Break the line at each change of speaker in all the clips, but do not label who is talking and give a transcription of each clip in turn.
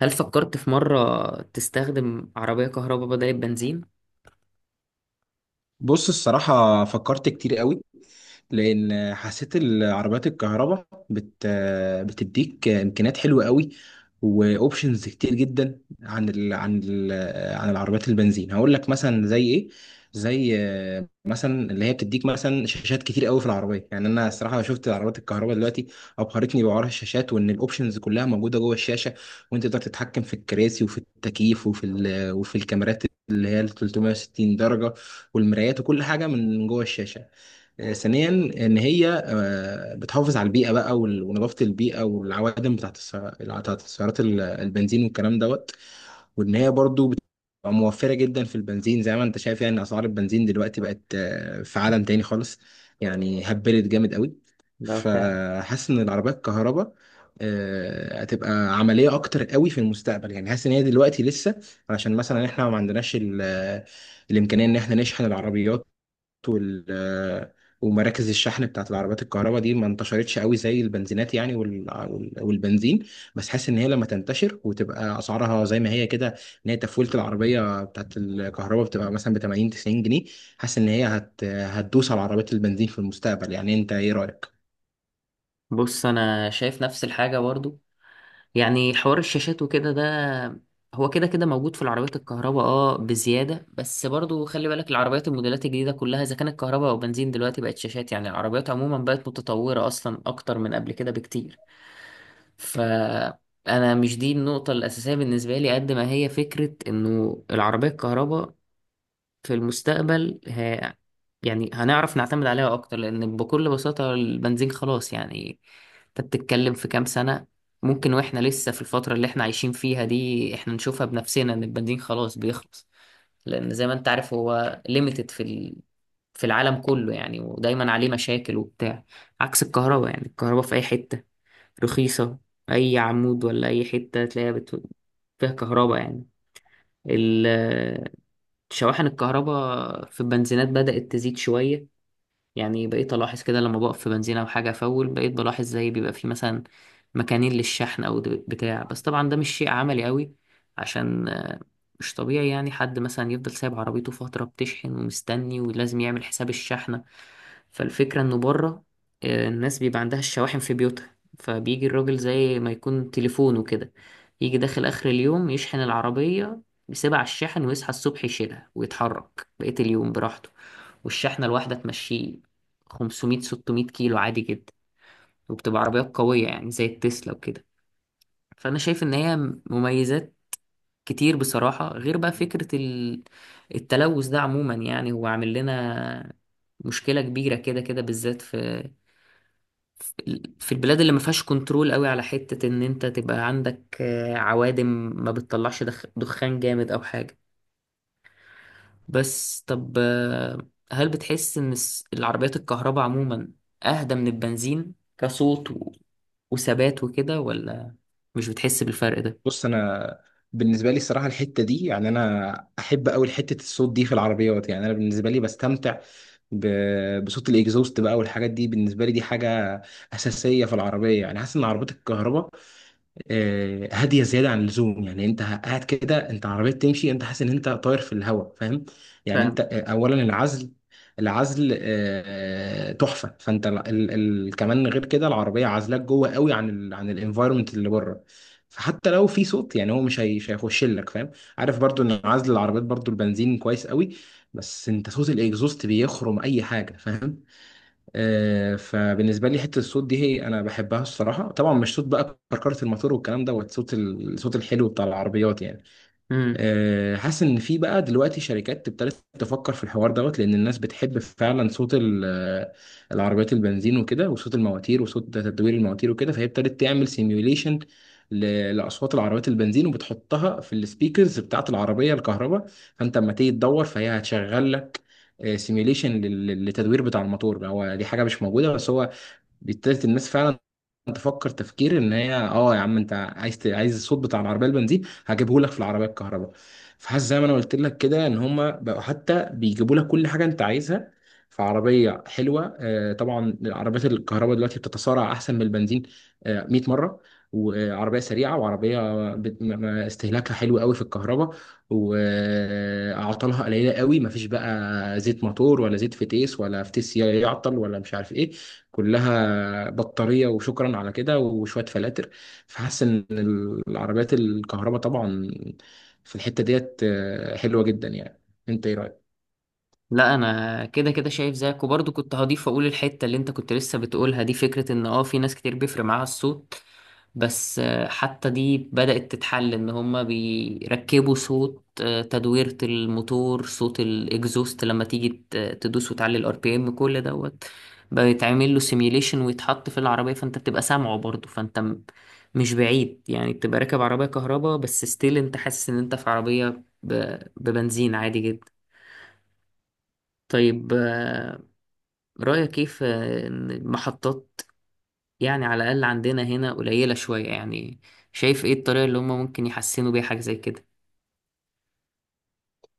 هل فكرت في مرة تستخدم عربية كهرباء بدل البنزين؟
بص الصراحة فكرت كتير قوي. لان حسيت العربيات الكهرباء بتديك امكانيات حلوه قوي، واوبشنز كتير جدا عن العربيات البنزين. هقول لك مثلا زي ايه؟ زي مثلا اللي هي بتديك مثلا شاشات كتير قوي في العربيه. يعني انا الصراحه شفت العربيات الكهرباء دلوقتي ابهرتني بحوار الشاشات، وان الاوبشنز كلها موجوده جوه الشاشه، وانت تقدر تتحكم في الكراسي وفي التكييف وفي وفي الكاميرات اللي هي ال 360 درجه، والمرايات وكل حاجه من جوه الشاشه. ثانيا ان هي بتحافظ على البيئه بقى، ونظافه البيئه والعوادم بتاعت سيارات البنزين والكلام دوت. وان هي برضو بتبقى موفره جدا في البنزين، زي ما انت شايف يعني اسعار البنزين دلوقتي بقت في عالم تاني خالص، يعني هبلت جامد قوي.
ده فعلا.
فحاسس ان العربيات الكهرباء هتبقى عمليه اكتر قوي في المستقبل. يعني حاسس ان هي دلوقتي لسه، علشان مثلا احنا ما عندناش الامكانيه ان احنا نشحن العربيات، وال ومراكز الشحن بتاعت العربيات الكهرباء دي ما انتشرتش قوي زي البنزينات، يعني والبنزين. بس حاسس ان هي لما تنتشر وتبقى اسعارها زي ما هي كده، ان هي تفولة العربيه بتاعت الكهرباء بتبقى مثلا ب 80 90 جنيه، حاسس ان هي هتدوس على عربيات البنزين في المستقبل. يعني انت ايه رايك؟
بص، أنا شايف نفس الحاجة برضو، يعني حوار الشاشات وكده ده هو كده كده موجود في العربيات الكهرباء، اه بزيادة، بس برضو خلي بالك العربيات الموديلات الجديدة كلها إذا كانت كهرباء أو بنزين دلوقتي بقت شاشات، يعني العربيات عموما بقت متطورة أصلا أكتر من قبل كده بكتير. فأنا مش دي النقطة الأساسية بالنسبة لي، قد ما هي فكرة إنه العربية الكهرباء في المستقبل يعني هنعرف نعتمد عليها اكتر، لان بكل بساطة البنزين خلاص يعني، انت بتتكلم في كام سنة؟ ممكن واحنا لسه في الفترة اللي احنا عايشين فيها دي احنا نشوفها بنفسنا ان البنزين خلاص بيخلص، لان زي ما انت عارف هو ليميتد في في العالم كله يعني، ودايما عليه مشاكل وبتاع، عكس الكهرباء. يعني الكهرباء في اي حتة رخيصة، اي عمود ولا اي حتة تلاقيها فيها كهرباء يعني. شواحن الكهرباء في البنزينات بدأت تزيد شوية، يعني بقيت ألاحظ كده لما بقف في بنزينة أو حاجة أفول بقيت بلاحظ زي بيبقى فيه مثلا مكانين للشحن بتاع. بس طبعا ده مش شيء عملي قوي، عشان مش طبيعي يعني حد مثلا يفضل سايب عربيته فترة بتشحن ومستني ولازم يعمل حساب الشحنة. فالفكرة إنه بره الناس بيبقى عندها الشواحن في بيوتها، فبيجي الراجل زي ما يكون تليفونه كده، يجي داخل آخر اليوم يشحن العربية، يسيبها على الشاحن ويصحى الصبح يشيلها ويتحرك بقية اليوم براحته. والشحنة الواحدة تمشيه 500 600 كيلو عادي جدا، وبتبقى عربيات قوية يعني زي التسلا وكده. فأنا شايف إن هي مميزات كتير بصراحة، غير بقى فكرة التلوث ده عموما، يعني هو عامل لنا مشكلة كبيرة كده كده، بالذات في في البلاد اللي ما فيهاش كنترول قوي على حتة إن أنت تبقى عندك عوادم ما بتطلعش دخان جامد أو حاجة. بس طب هل بتحس ان العربيات الكهرباء عموما اهدى من البنزين كصوت وثبات وكده، ولا مش بتحس بالفرق ده؟
بص انا بالنسبه لي الصراحه الحته دي، يعني انا احب قوي حته الصوت دي في العربيات. يعني انا بالنسبه لي بستمتع بصوت الاكزوست بقى والحاجات دي، بالنسبه لي دي حاجه اساسيه في العربيه. يعني حاسس ان عربيات الكهرباء هاديه زياده عن اللزوم، يعني انت قاعد كده انت عربيه تمشي انت حاسس ان انت طاير في الهواء، فاهم؟ يعني انت اولا العزل، العزل تحفه. فانت ال ال ال كمان غير كده العربيه عازلاك جوه قوي عن ال عن الانفايرمنت اللي بره، فحتى لو في صوت يعني هو مش هيخش لك، فاهم؟ عارف برضو ان عزل العربيات برضو البنزين كويس قوي، بس انت صوت الاكزوست بيخرم اي حاجه، فاهم؟ فبالنسبه لي حته الصوت دي هي انا بحبها الصراحه. طبعا مش صوت بقى كركره الموتور والكلام دوت، صوت الصوت الحلو بتاع العربيات يعني.
فاهم.
حاسس ان في بقى دلوقتي شركات ابتدت تفكر في الحوار دوت، لان الناس بتحب فعلا صوت العربيات البنزين وكده، وصوت المواتير وصوت تدوير المواتير وكده. فهي ابتدت تعمل سيميوليشن لاصوات العربيات البنزين وبتحطها في السبيكرز بتاعه العربيه الكهرباء، فانت اما تيجي تدور فهي هتشغل لك سيميوليشن للتدوير بتاع الموتور. هو دي حاجه مش موجوده، بس هو ابتدت الناس فعلا تفكر ان هي اه يا عم انت عايز الصوت بتاع العربيه البنزين، هجيبه لك في العربيه الكهرباء. فحاسس زي ما انا قلت لك كده ان هما بقوا حتى بيجيبوا لك كل حاجه انت عايزها في عربيه حلوه. طبعا العربيات الكهرباء دلوقتي بتتسارع احسن من البنزين 100 مره، وعربيه سريعه وعربيه استهلاكها حلو قوي في الكهرباء، واعطالها قليله قوي، مفيش بقى زيت موتور ولا زيت فتيس ولا فتيس يعطل ولا مش عارف ايه. كلها بطارية وشكرا على كده وشوية فلاتر. فحاسس ان العربيات الكهرباء طبعا في الحتة ديت حلوة جدا يعني. انت ايه رأيك؟
لا انا كده كده شايف زيك، وبرضه كنت هضيف اقول الحته اللي انت كنت لسه بتقولها دي، فكره ان اه في ناس كتير بيفرق معاها الصوت، بس حتى دي بدات تتحل، ان هما بيركبوا صوت تدويره الموتور، صوت الاكزوست لما تيجي تدوس وتعلي الار بي ام كل دوت، بيتعمل له سيميوليشن ويتحط في العربيه، فانت بتبقى سامعه برضه، فانت مش بعيد يعني بتبقى راكب عربيه كهرباء بس ستيل انت حاسس ان انت في عربيه ببنزين عادي جدا. طيب رأيك كيف إن المحطات يعني على الأقل عندنا هنا قليلة شوية؟ يعني شايف إيه الطريقة اللي هما ممكن يحسنوا بيها حاجة زي كده؟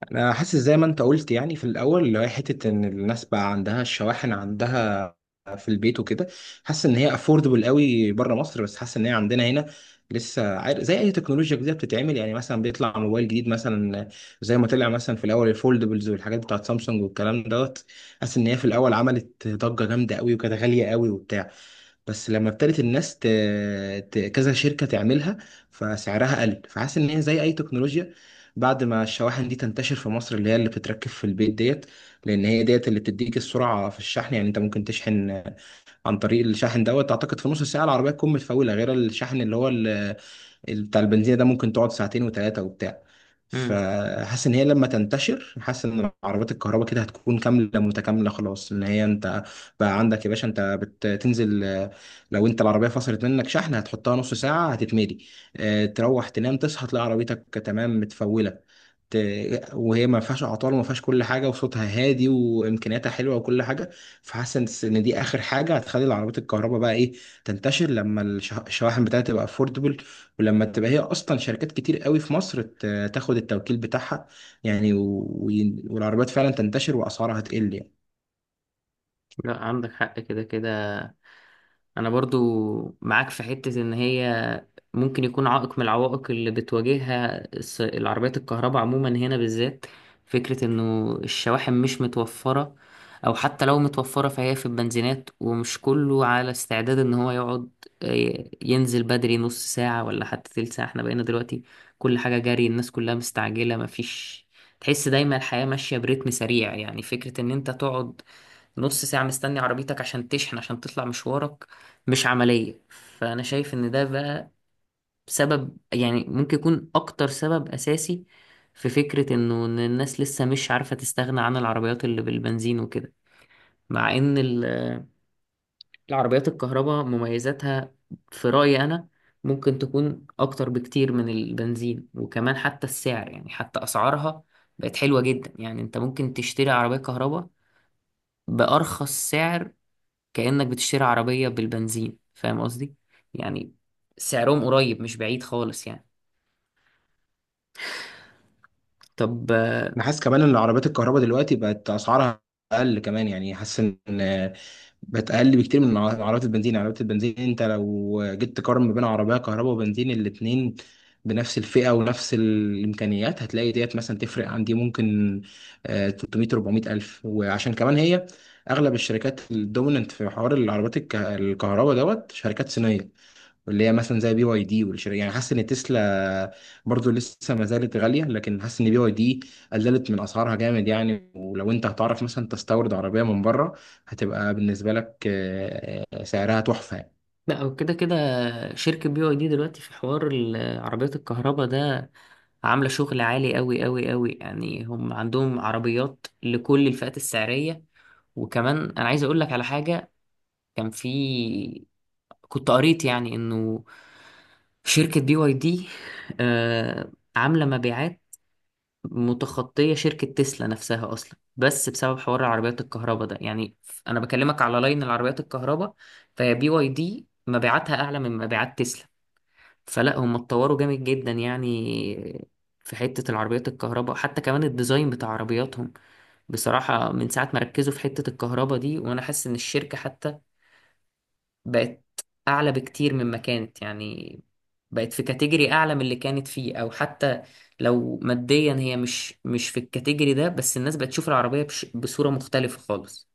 انا حاسس زي ما انت قلت، يعني في الاول اللي هي حته ان الناس بقى عندها الشواحن عندها في البيت وكده. حاسس ان هي افوردبل قوي بره مصر، بس حاسس ان هي عندنا هنا لسه، عارف زي اي تكنولوجيا جديده بتتعمل. يعني مثلا بيطلع موبايل جديد مثلا، زي ما طلع مثلا في الاول الفولدبلز والحاجات بتاعت سامسونج والكلام دوت، حاسس ان هي في الاول عملت ضجه جامده قوي وكانت غاليه قوي وبتاع، بس لما ابتدت كذا شركة تعملها، فسعرها قل. فحاسس ان هي زي اي تكنولوجيا، بعد ما الشواحن دي تنتشر في مصر اللي هي اللي بتتركب في البيت ديت، لان هي ديت اللي بتديك السرعة في الشحن. يعني انت ممكن تشحن عن طريق الشاحن دوت اعتقد في نص ساعة العربية تكون متفولة، غير الشحن اللي هو بتاع البنزينة ده ممكن تقعد ساعتين وتلاتة وبتاع.
مم.
فحاسس ان هي لما تنتشر، حاسس ان عربيات الكهرباء كده هتكون كامله متكامله خلاص. ان هي انت بقى عندك يا باشا انت بتنزل لو انت العربيه فصلت منك شحن، هتحطها نص ساعه هتتملي. تروح تنام تصحى تلاقي عربيتك تمام متفوله. ت... وهي ما فيهاش اعطال وما فيهاش كل حاجه، وصوتها هادي وامكانياتها حلوه وكل حاجه. فحاسس ان إن دي اخر حاجه هتخلي العربيات الكهرباء بقى ايه، تنتشر. لما الشواحن بتاعتها تبقى افوردبل، ولما تبقى هي اصلا شركات كتير قوي في مصر تاخد التوكيل بتاعها، يعني و- والعربيات فعلا تنتشر واسعارها تقل يعني.
لا عندك حق كده كده، أنا برضو معاك في حتة إن هي ممكن يكون عائق من العوائق اللي بتواجهها العربيات الكهرباء عموما هنا بالذات فكرة انه الشواحن مش متوفرة، او حتى لو متوفرة فهي في البنزينات ومش كله على استعداد ان هو يقعد ينزل بدري نص ساعة ولا حتى تلت ساعة. احنا بقينا دلوقتي كل حاجة جري، الناس كلها مستعجلة مفيش، تحس دايما الحياة ماشية برتم سريع، يعني فكرة ان انت تقعد نص ساعة مستني عربيتك عشان تشحن عشان تطلع مشوارك مش عملية. فأنا شايف إن ده بقى سبب، يعني ممكن يكون اكتر سبب اساسي في فكرة انه ان الناس لسه مش عارفة تستغنى عن العربيات اللي بالبنزين وكده. مع ان العربيات الكهرباء مميزاتها في رأيي انا ممكن تكون اكتر بكتير من البنزين، وكمان حتى السعر يعني حتى اسعارها بقت حلوة جدا، يعني انت ممكن تشتري عربية كهرباء بأرخص سعر كأنك بتشتري عربية بالبنزين، فاهم قصدي؟ يعني سعرهم قريب مش بعيد خالص يعني. طب
انا حاسس كمان ان عربيات الكهرباء دلوقتي بقت اسعارها اقل كمان. يعني حاسس ان بقت اقل بكتير من عربيات البنزين. يعني عربيات البنزين انت لو جيت تقارن ما بين عربيه كهرباء وبنزين الاتنين بنفس الفئه ونفس الامكانيات، هتلاقي ديت مثلا تفرق عندي ممكن 300 400 الف. وعشان كمان هي اغلب الشركات الدوميننت في حوار العربيات الكهرباء دوت شركات صينيه، واللي هي مثلا زي بي واي دي والشركة. يعني حاسس ان تسلا برضو لسه ما زالت غالية، لكن حاسس ان بي واي دي قللت من اسعارها جامد يعني. ولو انت هتعرف مثلا تستورد عربية من بره، هتبقى بالنسبة لك سعرها تحفة يعني.
لا، هو كده كده شركة بي واي دي دلوقتي في حوار عربيات الكهرباء ده عاملة شغل عالي أوي أوي أوي، يعني هم عندهم عربيات لكل الفئات السعرية. وكمان أنا عايز أقول لك على حاجة، كان في كنت قريت يعني إنه شركة بي واي دي آه عاملة مبيعات متخطية شركة تسلا نفسها أصلا، بس بسبب حوار عربيات الكهرباء ده. يعني أنا بكلمك على لاين العربيات الكهرباء، فهي بي واي دي مبيعاتها أعلى من مبيعات تسلا. فلا هم اتطوروا جامد جدا يعني في حتة العربيات الكهرباء، حتى كمان الديزاين بتاع عربياتهم بصراحة من ساعة ما ركزوا في حتة الكهرباء دي وأنا حاسس إن الشركة حتى بقت اعلى بكتير مما كانت، يعني بقت في كاتيجوري اعلى من اللي كانت فيه، او حتى لو ماديا هي مش مش في الكاتيجوري ده، بس الناس بقت تشوف العربية بش بصورة مختلفة خالص.